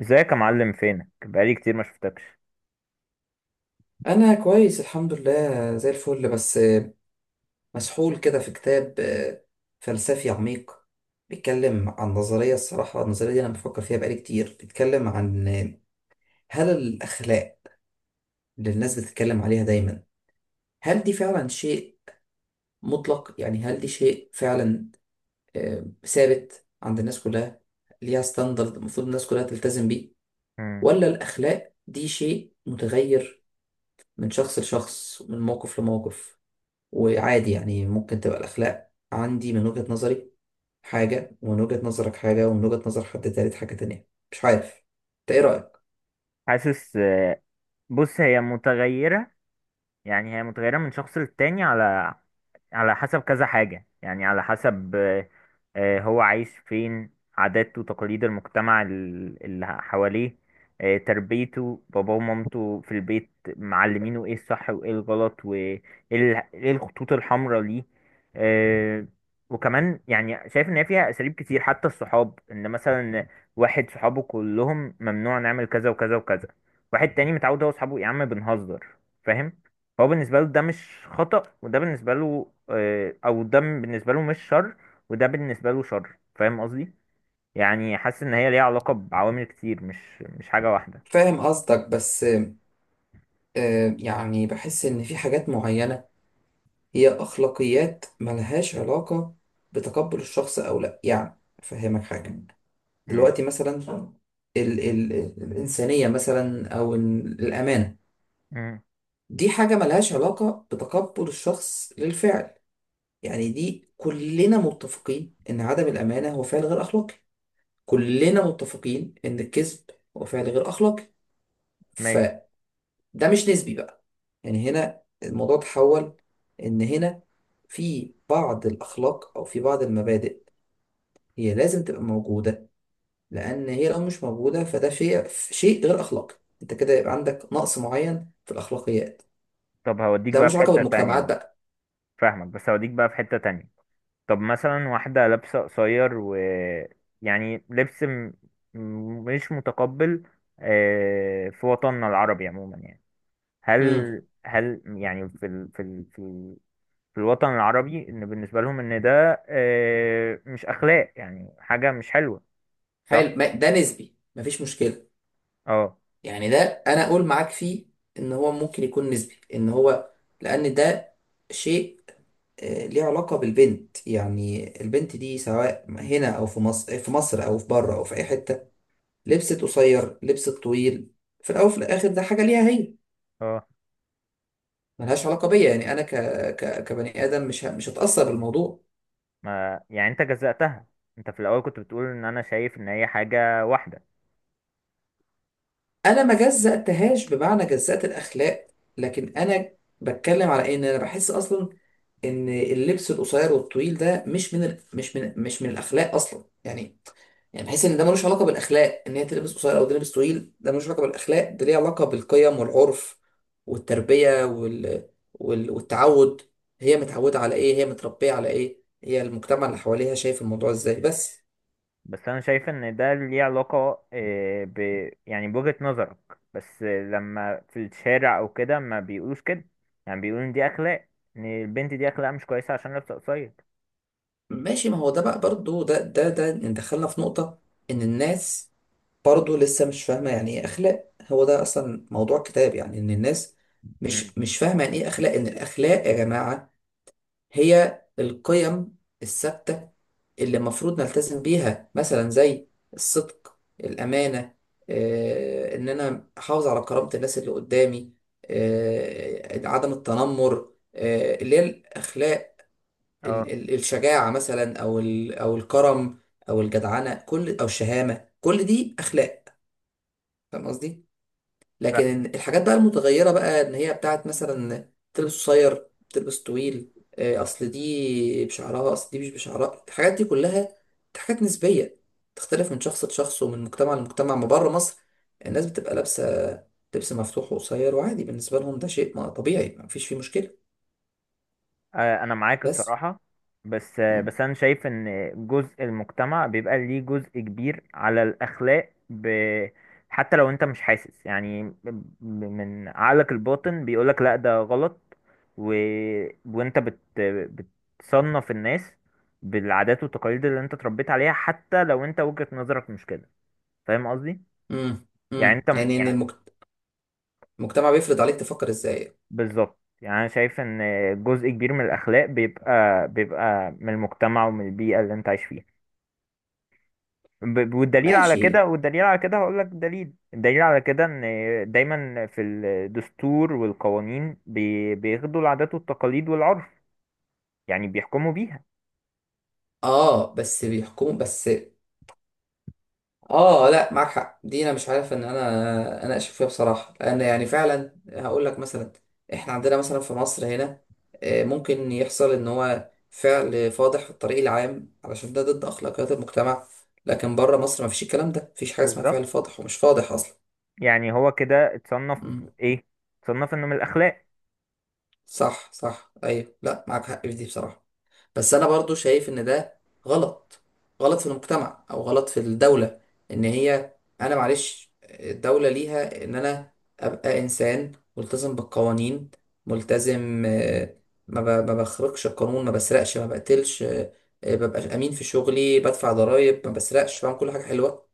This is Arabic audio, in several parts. ازيك يا معلم؟ فينك بقالي كتير ما شفتكش؟ انا كويس الحمد لله زي الفل، بس مسحول كده في كتاب فلسفي عميق. بيتكلم عن نظرية الصراحة. النظرية دي انا بفكر فيها بقالي كتير. بيتكلم عن هل الاخلاق اللي الناس بتتكلم عليها دايما، هل دي فعلا شيء مطلق؟ يعني هل دي شيء فعلا ثابت عند الناس كلها، ليها ستاندرد المفروض الناس كلها تلتزم بيه؟ مم. ولا الاخلاق دي شيء متغير من شخص لشخص، من موقف لموقف؟ وعادي يعني ممكن تبقى الأخلاق عندي من وجهة نظري حاجة، ومن وجهة نظرك حاجة، ومن وجهة نظر حد تالت حاجة تانية. مش عارف، انت ايه رأيك؟ حاسس. بص، هي متغيرة. يعني هي متغيرة من شخص للتاني، على حسب كذا حاجة. يعني على حسب هو عايش فين، عاداته وتقاليد المجتمع اللي حواليه. تربيته، باباه ومامته في البيت، معلمينه ايه الصح وايه الغلط وايه إيه الخطوط الحمراء ليه. آه، وكمان يعني شايف ان هي فيها اساليب كتير، حتى الصحاب. ان مثلا واحد صحابه كلهم ممنوع نعمل كذا وكذا وكذا، واحد تاني متعود هو صحابه يا عم بنهزر، فاهم؟ هو بالنسبة له ده مش خطأ، وده بالنسبة له أو ده بالنسبة له مش شر، وده بالنسبة له شر. فاهم قصدي؟ يعني حاسس إن هي ليها علاقة بعوامل كتير، مش حاجة واحدة. فاهم قصدك، بس يعني بحس إن في حاجات معينة هي أخلاقيات ملهاش علاقة بتقبل الشخص أو لأ. يعني أفهمك حاجة، مم. دلوقتي مثلا ال ال الإنسانية مثلا أو الأمانة. مم. دي حاجة ملهاش علاقة بتقبل الشخص للفعل. يعني دي كلنا متفقين ان عدم الامانه هو فعل غير اخلاقي. كلنا متفقين ان الكذب هو فعل غير اخلاقي. ماشي. فده مش نسبي بقى. يعني هنا الموضوع تحول، ان هنا في بعض الاخلاق او في بعض المبادئ، هي لازم تبقى موجوده. لان هي لو مش موجوده فده شيء غير اخلاقي، انت كده يبقى عندك نقص معين في الاخلاقيات. طب هوديك ده بقى ملوش في علاقه حتة تانية بالمجتمعات بقى. بقى. فاهمك، بس هوديك بقى في حتة تانية. طب مثلا واحدة لابسة قصير و يعني لبس مش متقبل في وطننا العربي عموما. يعني امم هل، يعني في ال... في ال... في في الوطن العربي، ان بالنسبه لهم ان ده مش اخلاق، يعني حاجه مش حلوه، صح؟ حلو، ده نسبي مفيش مشكله. اه يعني ده، انا اقول معاك فيه ان هو ممكن يكون نسبي، ان هو لان ده شيء ليه علاقة بالبنت. يعني البنت دي، سواء هنا او في مصر او في بره او في اي حتة، لبست قصير لبست طويل، في الاول وفي الاخر ده حاجة ليها هي، اه. ملهاش علاقة بيا. يعني انا كبني ادم مش هتأثر بالموضوع. ما يعني انت جزأتها؟ انت في الاول كنت بتقول ان انا شايف ان هي حاجه واحده. انا ما جزأتهاش بمعنى جزأت الاخلاق، لكن انا بتكلم على إيه؟ ان انا بحس اصلا ان اللبس القصير والطويل ده مش من ال... مش من مش من الاخلاق اصلا يعني بحس ان ده ملوش علاقه بالاخلاق، ان هي تلبس قصير او تلبس طويل ده ملوش علاقه بالاخلاق، ده ليه علاقه بالقيم والعرف والتربيه والتعود. هي متعوده على ايه، هي متربيه على ايه، هي المجتمع اللي حواليها شايف الموضوع ازاي؟ بس بس انا شايف ان ده ليه علاقه آه، ب يعني بوجهة نظرك. بس لما في الشارع او كده ما بيقولوش كده، يعني بيقولوا ان دي اخلاق، ان البنت دي اخلاق مش كويسه عشان لابسه قصير. ماشي، ما هو ده بقى برضو ده إن دخلنا في نقطه ان الناس برضه لسه مش فاهمة يعني ايه اخلاق، هو ده اصلا موضوع كتاب. يعني ان الناس امم. مش فاهمة يعني ايه اخلاق، ان الاخلاق يا جماعة هي القيم الثابتة اللي المفروض نلتزم بيها، مثلا زي الصدق، الامانة، ان انا احافظ على كرامة الناس اللي قدامي، عدم التنمر، اللي هي الاخلاق. اه. الشجاعة مثلا او او الكرم او الجدعنة كل او الشهامة، كل دي اخلاق. فاهم قصدي؟ لكن الحاجات بقى المتغيرة بقى، ان هي بتاعت مثلا تلبس قصير تلبس طويل، اصل دي بشعرها، اصل دي مش بشعرها، الحاجات دي كلها حاجات نسبية، تختلف من شخص لشخص ومن مجتمع لمجتمع. ما بره مصر الناس بتبقى لابسة لبس مفتوح وقصير، وعادي بالنسبة لهم ده شيء طبيعي، ما فيش فيه مشكلة. انا معاك بس الصراحه. مم. بس انا شايف ان جزء المجتمع بيبقى ليه جزء كبير على الاخلاق حتى لو انت مش حاسس. يعني من عقلك الباطن بيقولك لا ده غلط. و... وانت بت... بتصنف الناس بالعادات والتقاليد اللي انت اتربيت عليها، حتى لو انت وجهة نظرك مش كده. فاهم قصدي؟ يعني انت يعني ان المجتمع بيفرض عليك تفكر ازاي. بالظبط. يعني انا شايف ان جزء كبير من الاخلاق بيبقى من المجتمع ومن البيئة اللي انت عايش فيها. والدليل على ماشي. كده، هقول لك دليل. الدليل على كده ان دايما في الدستور والقوانين بياخدوا العادات والتقاليد والعرف، يعني بيحكموا بيها. اه، بس بيحكموا بس. اه لا، معاك حق، دي انا مش عارف ان انا اناقش فيها بصراحه، لان يعني فعلا هقول لك مثلا، احنا عندنا مثلا في مصر هنا ممكن يحصل ان هو فعل فاضح في الطريق العام علشان ده ضد اخلاقيات المجتمع. لكن بره مصر ما فيش الكلام ده، مفيش حاجه اسمها بالظبط. فعل فاضح ومش فاضح اصلا. يعني هو كده اتصنف، مم. ايه، اتصنف انه من الاخلاق. صح، صح، ايوه، لا، معاك حق في دي بصراحه. بس انا برضو شايف ان ده غلط. غلط في المجتمع او غلط في الدولة، ان هي انا معلش الدولة ليها ان انا ابقى انسان ملتزم بالقوانين، ملتزم ما بخرجش القانون، ما بسرقش، ما بقتلش، ببقى امين في شغلي، بدفع ضرائب، ما بسرقش، بعمل كل حاجة حلوة.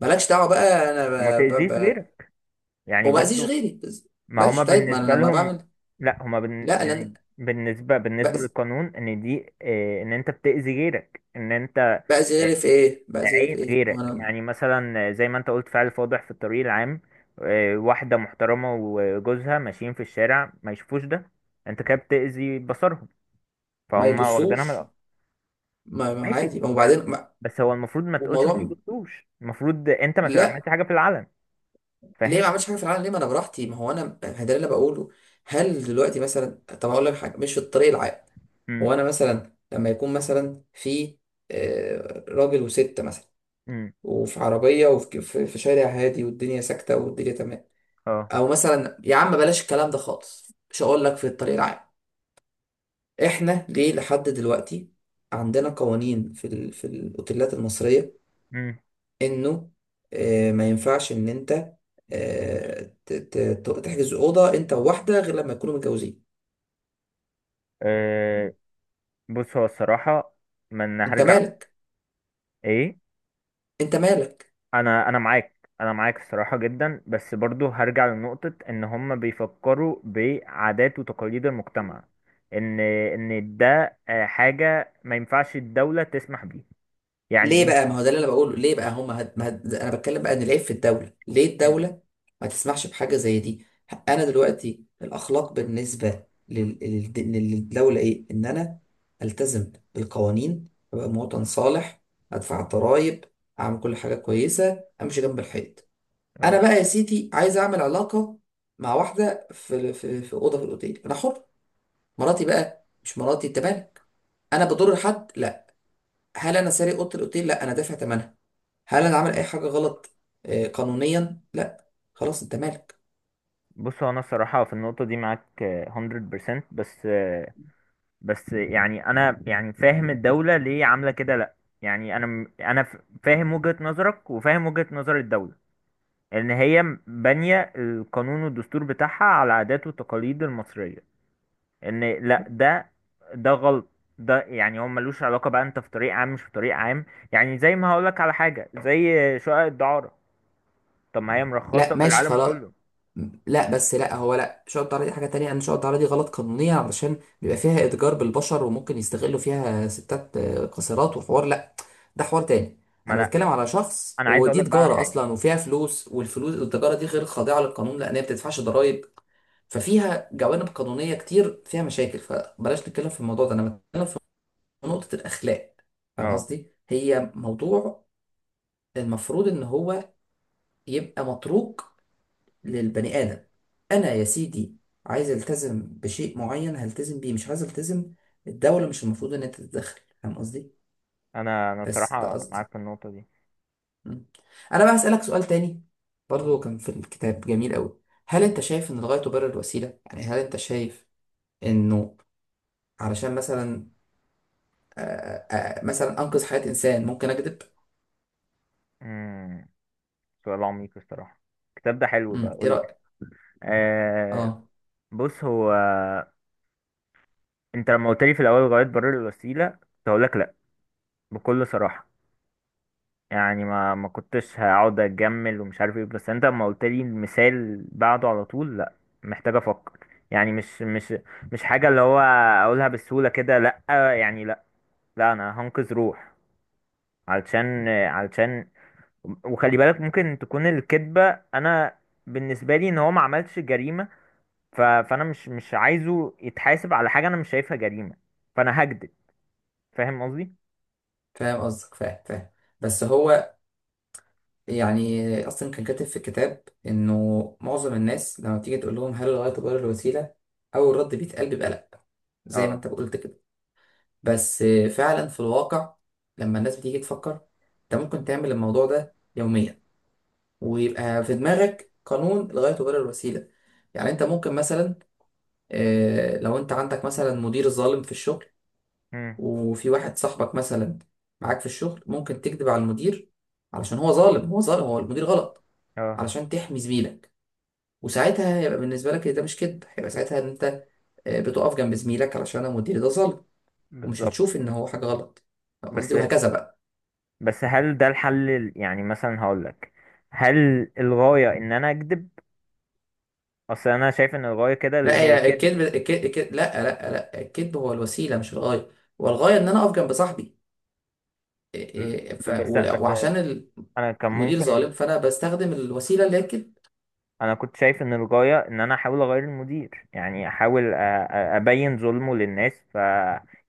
مالكش دعوة بقى. انا وما ب- ب- تأذيش ب- غيرك، يعني وما اذيش برضو. غيري، بس- ما هما ماشي طيب، ما انا بالنسبة لما لهم، بعمل، لا، هما لا لا، يعني بالنسبة، بأذي للقانون، ان دي إيه، ان انت بتأذي غيرك، ان انت بأذي غيري في ايه؟ بأذي غيري عين في ايه، ما غيرك. انا يعني مثلا زي ما انت قلت، فعل فاضح في الطريق العام واحدة محترمة وجوزها ماشيين في الشارع، ما يشوفوش ده. انت كده بتأذي بصرهم، ما فهم واخدينها من يبصوش. الأرض. ما ماشي. عادي، ما وبعدين ما بس هو المفروض ما تقولش ما والموضوع، يجبتوش. المفروض انت ما تبقى لا. عملت حاجة في العلن. ليه ما فاهم. عملتش حاجه في العالم؟ ليه، ما انا براحتي، ما هو انا ما ده اللي بقوله. هل دلوقتي مثلا، طب اقول لك حاجه مش في الطريق العام، هو امم. انا مثلا لما يكون مثلا في راجل وست مثلا، امم. وفي عربيه، وفي في في شارع هادي، والدنيا ساكته والدنيا تمام، اه. او مثلا يا عم بلاش الكلام ده خالص، مش هقول لك في الطريق العام. احنا ليه لحد دلوقتي عندنا قوانين في الاوتيلات المصريه، امم. انه ما ينفعش ان انت آه، تحجز اوضه انت وواحده غير لما يكونوا متجوزين. آه، بص هو الصراحة من انت هرجع، مالك! ايه؟ انت مالك! انا معاك، الصراحه جدا. بس برضو هرجع لنقطه، ان هم بيفكروا بعادات وتقاليد المجتمع، ان ده حاجه ما ينفعش الدوله تسمح بيه. يعني ليه بقى؟ ايه. ما هو ده اللي انا بقوله. ليه بقى هم هد... ما هد... انا بتكلم بقى ان العيب في الدوله. ليه مم. الدوله ما تسمحش بحاجه زي دي؟ انا دلوقتي الاخلاق بالنسبه للدوله ايه؟ ان انا التزم بالقوانين، ابقى مواطن صالح، ادفع ضرائب، اعمل كل حاجه كويسه، امشي جنب الحيط. اه. انا بقى يا سيتي عايز اعمل علاقه مع واحده في اوضه في الاوتيل، انا حر. مراتي بقى مش مراتي، انت مالك. انا بضر حد؟ لا. هل انا سارق اوضه الاوتيل؟ لا، انا دافع ثمنها. هل انا عامل اي حاجه غلط قانونيا؟ لا. خلاص، انت مالك. بص هو انا الصراحه في النقطه دي معاك 100%. بس يعني انا فاهم الدوله ليه عامله كده، لا؟ يعني انا انا فاهم وجهه نظرك وفاهم وجهه نظر الدوله، ان هي بانية القانون والدستور بتاعها على عادات والتقاليد المصرية، ان لا ده، غلط. ده يعني هو ملوش علاقة بقى انت في طريق عام مش في طريق عام. يعني زي ما هقولك على حاجة زي شقق الدعارة. طب ما هي مرخصة لا في ماشي العالم خلاص. كله. لا بس، لا هو، لا شقة الطعارة دي حاجة تانية. أنا شقة الطعارة دي غلط قانونيا، علشان بيبقى فيها إتجار بالبشر وممكن يستغلوا فيها ستات قاصرات وحوار، لا، ده حوار تاني. ما أنا انا، ما بتكلم على شخص انا عايز ودي اقولك بقى على تجارة حاجة. أصلا، وفيها فلوس، والفلوس والتجارة دي غير خاضعة للقانون، لأن هي بتدفعش ضرايب. ففيها جوانب قانونية كتير، فيها مشاكل، فبلاش نتكلم في الموضوع ده. أنا بتكلم في نقطة الأخلاق. فاهم اه. قصدي؟ هي موضوع المفروض إن هو يبقى متروك للبني آدم. أنا يا سيدي عايز ألتزم بشيء معين هلتزم بيه، مش عايز ألتزم. الدولة مش المفروض إن أنت تتدخل. فاهم قصدي؟ انا بس ده الصراحة قصدي. معاك في النقطة دي. م. أنا بقى هسألك سؤال تاني، برضو كان في الكتاب جميل أوي. هل أنت شايف إن الغاية تبرر الوسيلة؟ يعني هل أنت شايف إنه علشان مثلا مثلا أنقذ حياة إنسان ممكن أكذب؟ امم. سؤال عميق الصراحة. الكتاب ده حلو بقى، إيه قول لي. رأيك؟ آه. أه، بص هو، انت لما قلت لي في الاول غاية برر الوسيلة كنت هقول لك لا، بكل صراحة. يعني ما كنتش هقعد اجمل ومش عارف ايه. بس انت لما قلت لي المثال بعده على طول، لا. محتاج افكر. يعني مش حاجة اللي هو اقولها بالسهولة كده. لا. يعني لا. لا، انا هنقذ روح. علشان وخلي بالك، ممكن تكون الكذبة، انا بالنسبة لي ان هو ما عملش جريمة. فانا مش عايزه يتحاسب على حاجة انا مش شايفها جريمة، فانا هكذب. فاهم قصدي؟ فاهم قصدك، فاهم، فاهم. بس هو يعني اصلا كان كاتب في الكتاب، انه معظم الناس لما بتيجي تقول لهم هل الغايه تبرر الوسيله، اول رد بيتقال بيبقى لا، زي ما اه. انت قلت كده. بس فعلا في الواقع، لما الناس بتيجي تفكر، انت ممكن تعمل الموضوع ده يوميا، ويبقى في دماغك قانون الغايه تبرر الوسيله. يعني انت ممكن مثلا لو انت عندك مثلا مدير ظالم في الشغل، امم. وفي واحد صاحبك مثلا معاك في الشغل، ممكن تكذب على المدير، علشان هو ظالم، هو ظالم، هو المدير غلط، اه. علشان تحمي زميلك. وساعتها هيبقى بالنسبه لك إيه، ده مش كذب، هيبقى ساعتها ان انت بتقف جنب زميلك، علشان انا مديري ده ظالم، ومش بالظبط. هتشوف ان هو حاجه غلط. فاهم قصدي، بس وهكذا بقى. بس هل ده الحل يعني مثلا هقولك، هل الغاية ان انا اكذب؟ اصل انا شايف ان الغاية كده اللي لا، هي هي الكذب. الكذب لا لا لا، الكذب هو الوسيله مش الغايه. والغايه ان انا اقف جنب صاحبي م- بس بس وعشان انا كان المدير ممكن، ظالم، فانا بستخدم الوسيله اللي هي الكذب. انا كنت شايف ان الغاية ان انا احاول اغير المدير، يعني احاول ابين ظلمه للناس.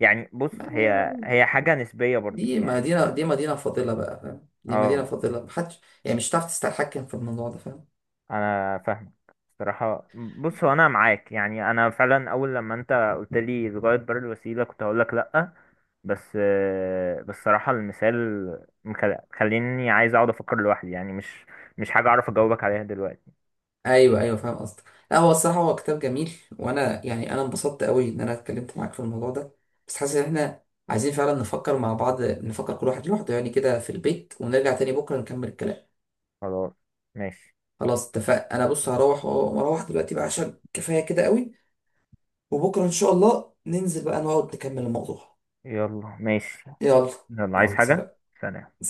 يعني بص، هي ما- هي حاجة نسبية برضو دي يعني. مدينه دي مدينه فاضله بقى، فاهم؟ دي اه. مدينه فاضله، محدش يعني مش هتعرف تستحكم في الموضوع ده، فاهم؟ انا فاهمك. صراحة بص هو انا معاك. يعني انا فعلا اول لما انت قلت لي لغاية بر الوسيلة كنت هقول لك لا. بس بس صراحة المثال مخليني عايز اقعد افكر لوحدي. يعني مش حاجة اعرف اجاوبك عليها دلوقتي. ايوه، ايوه، فاهم قصدك. لا هو الصراحه هو كتاب جميل، وانا يعني انا انبسطت قوي ان انا اتكلمت معاك في الموضوع ده. بس حاسس ان احنا عايزين فعلا نفكر مع بعض، نفكر كل واحد لوحده يعني كده في البيت، ونرجع تاني بكره نكمل الكلام. خلاص. ماشي. خلاص اتفق. انا بص هروح، واروح دلوقتي بقى عشان كفايه كده قوي. وبكره ان شاء الله ننزل بقى نقعد نكمل الموضوع. يلا، ماشي. يلا. يلا، عايز يلا حاجة؟ سلام. سلام.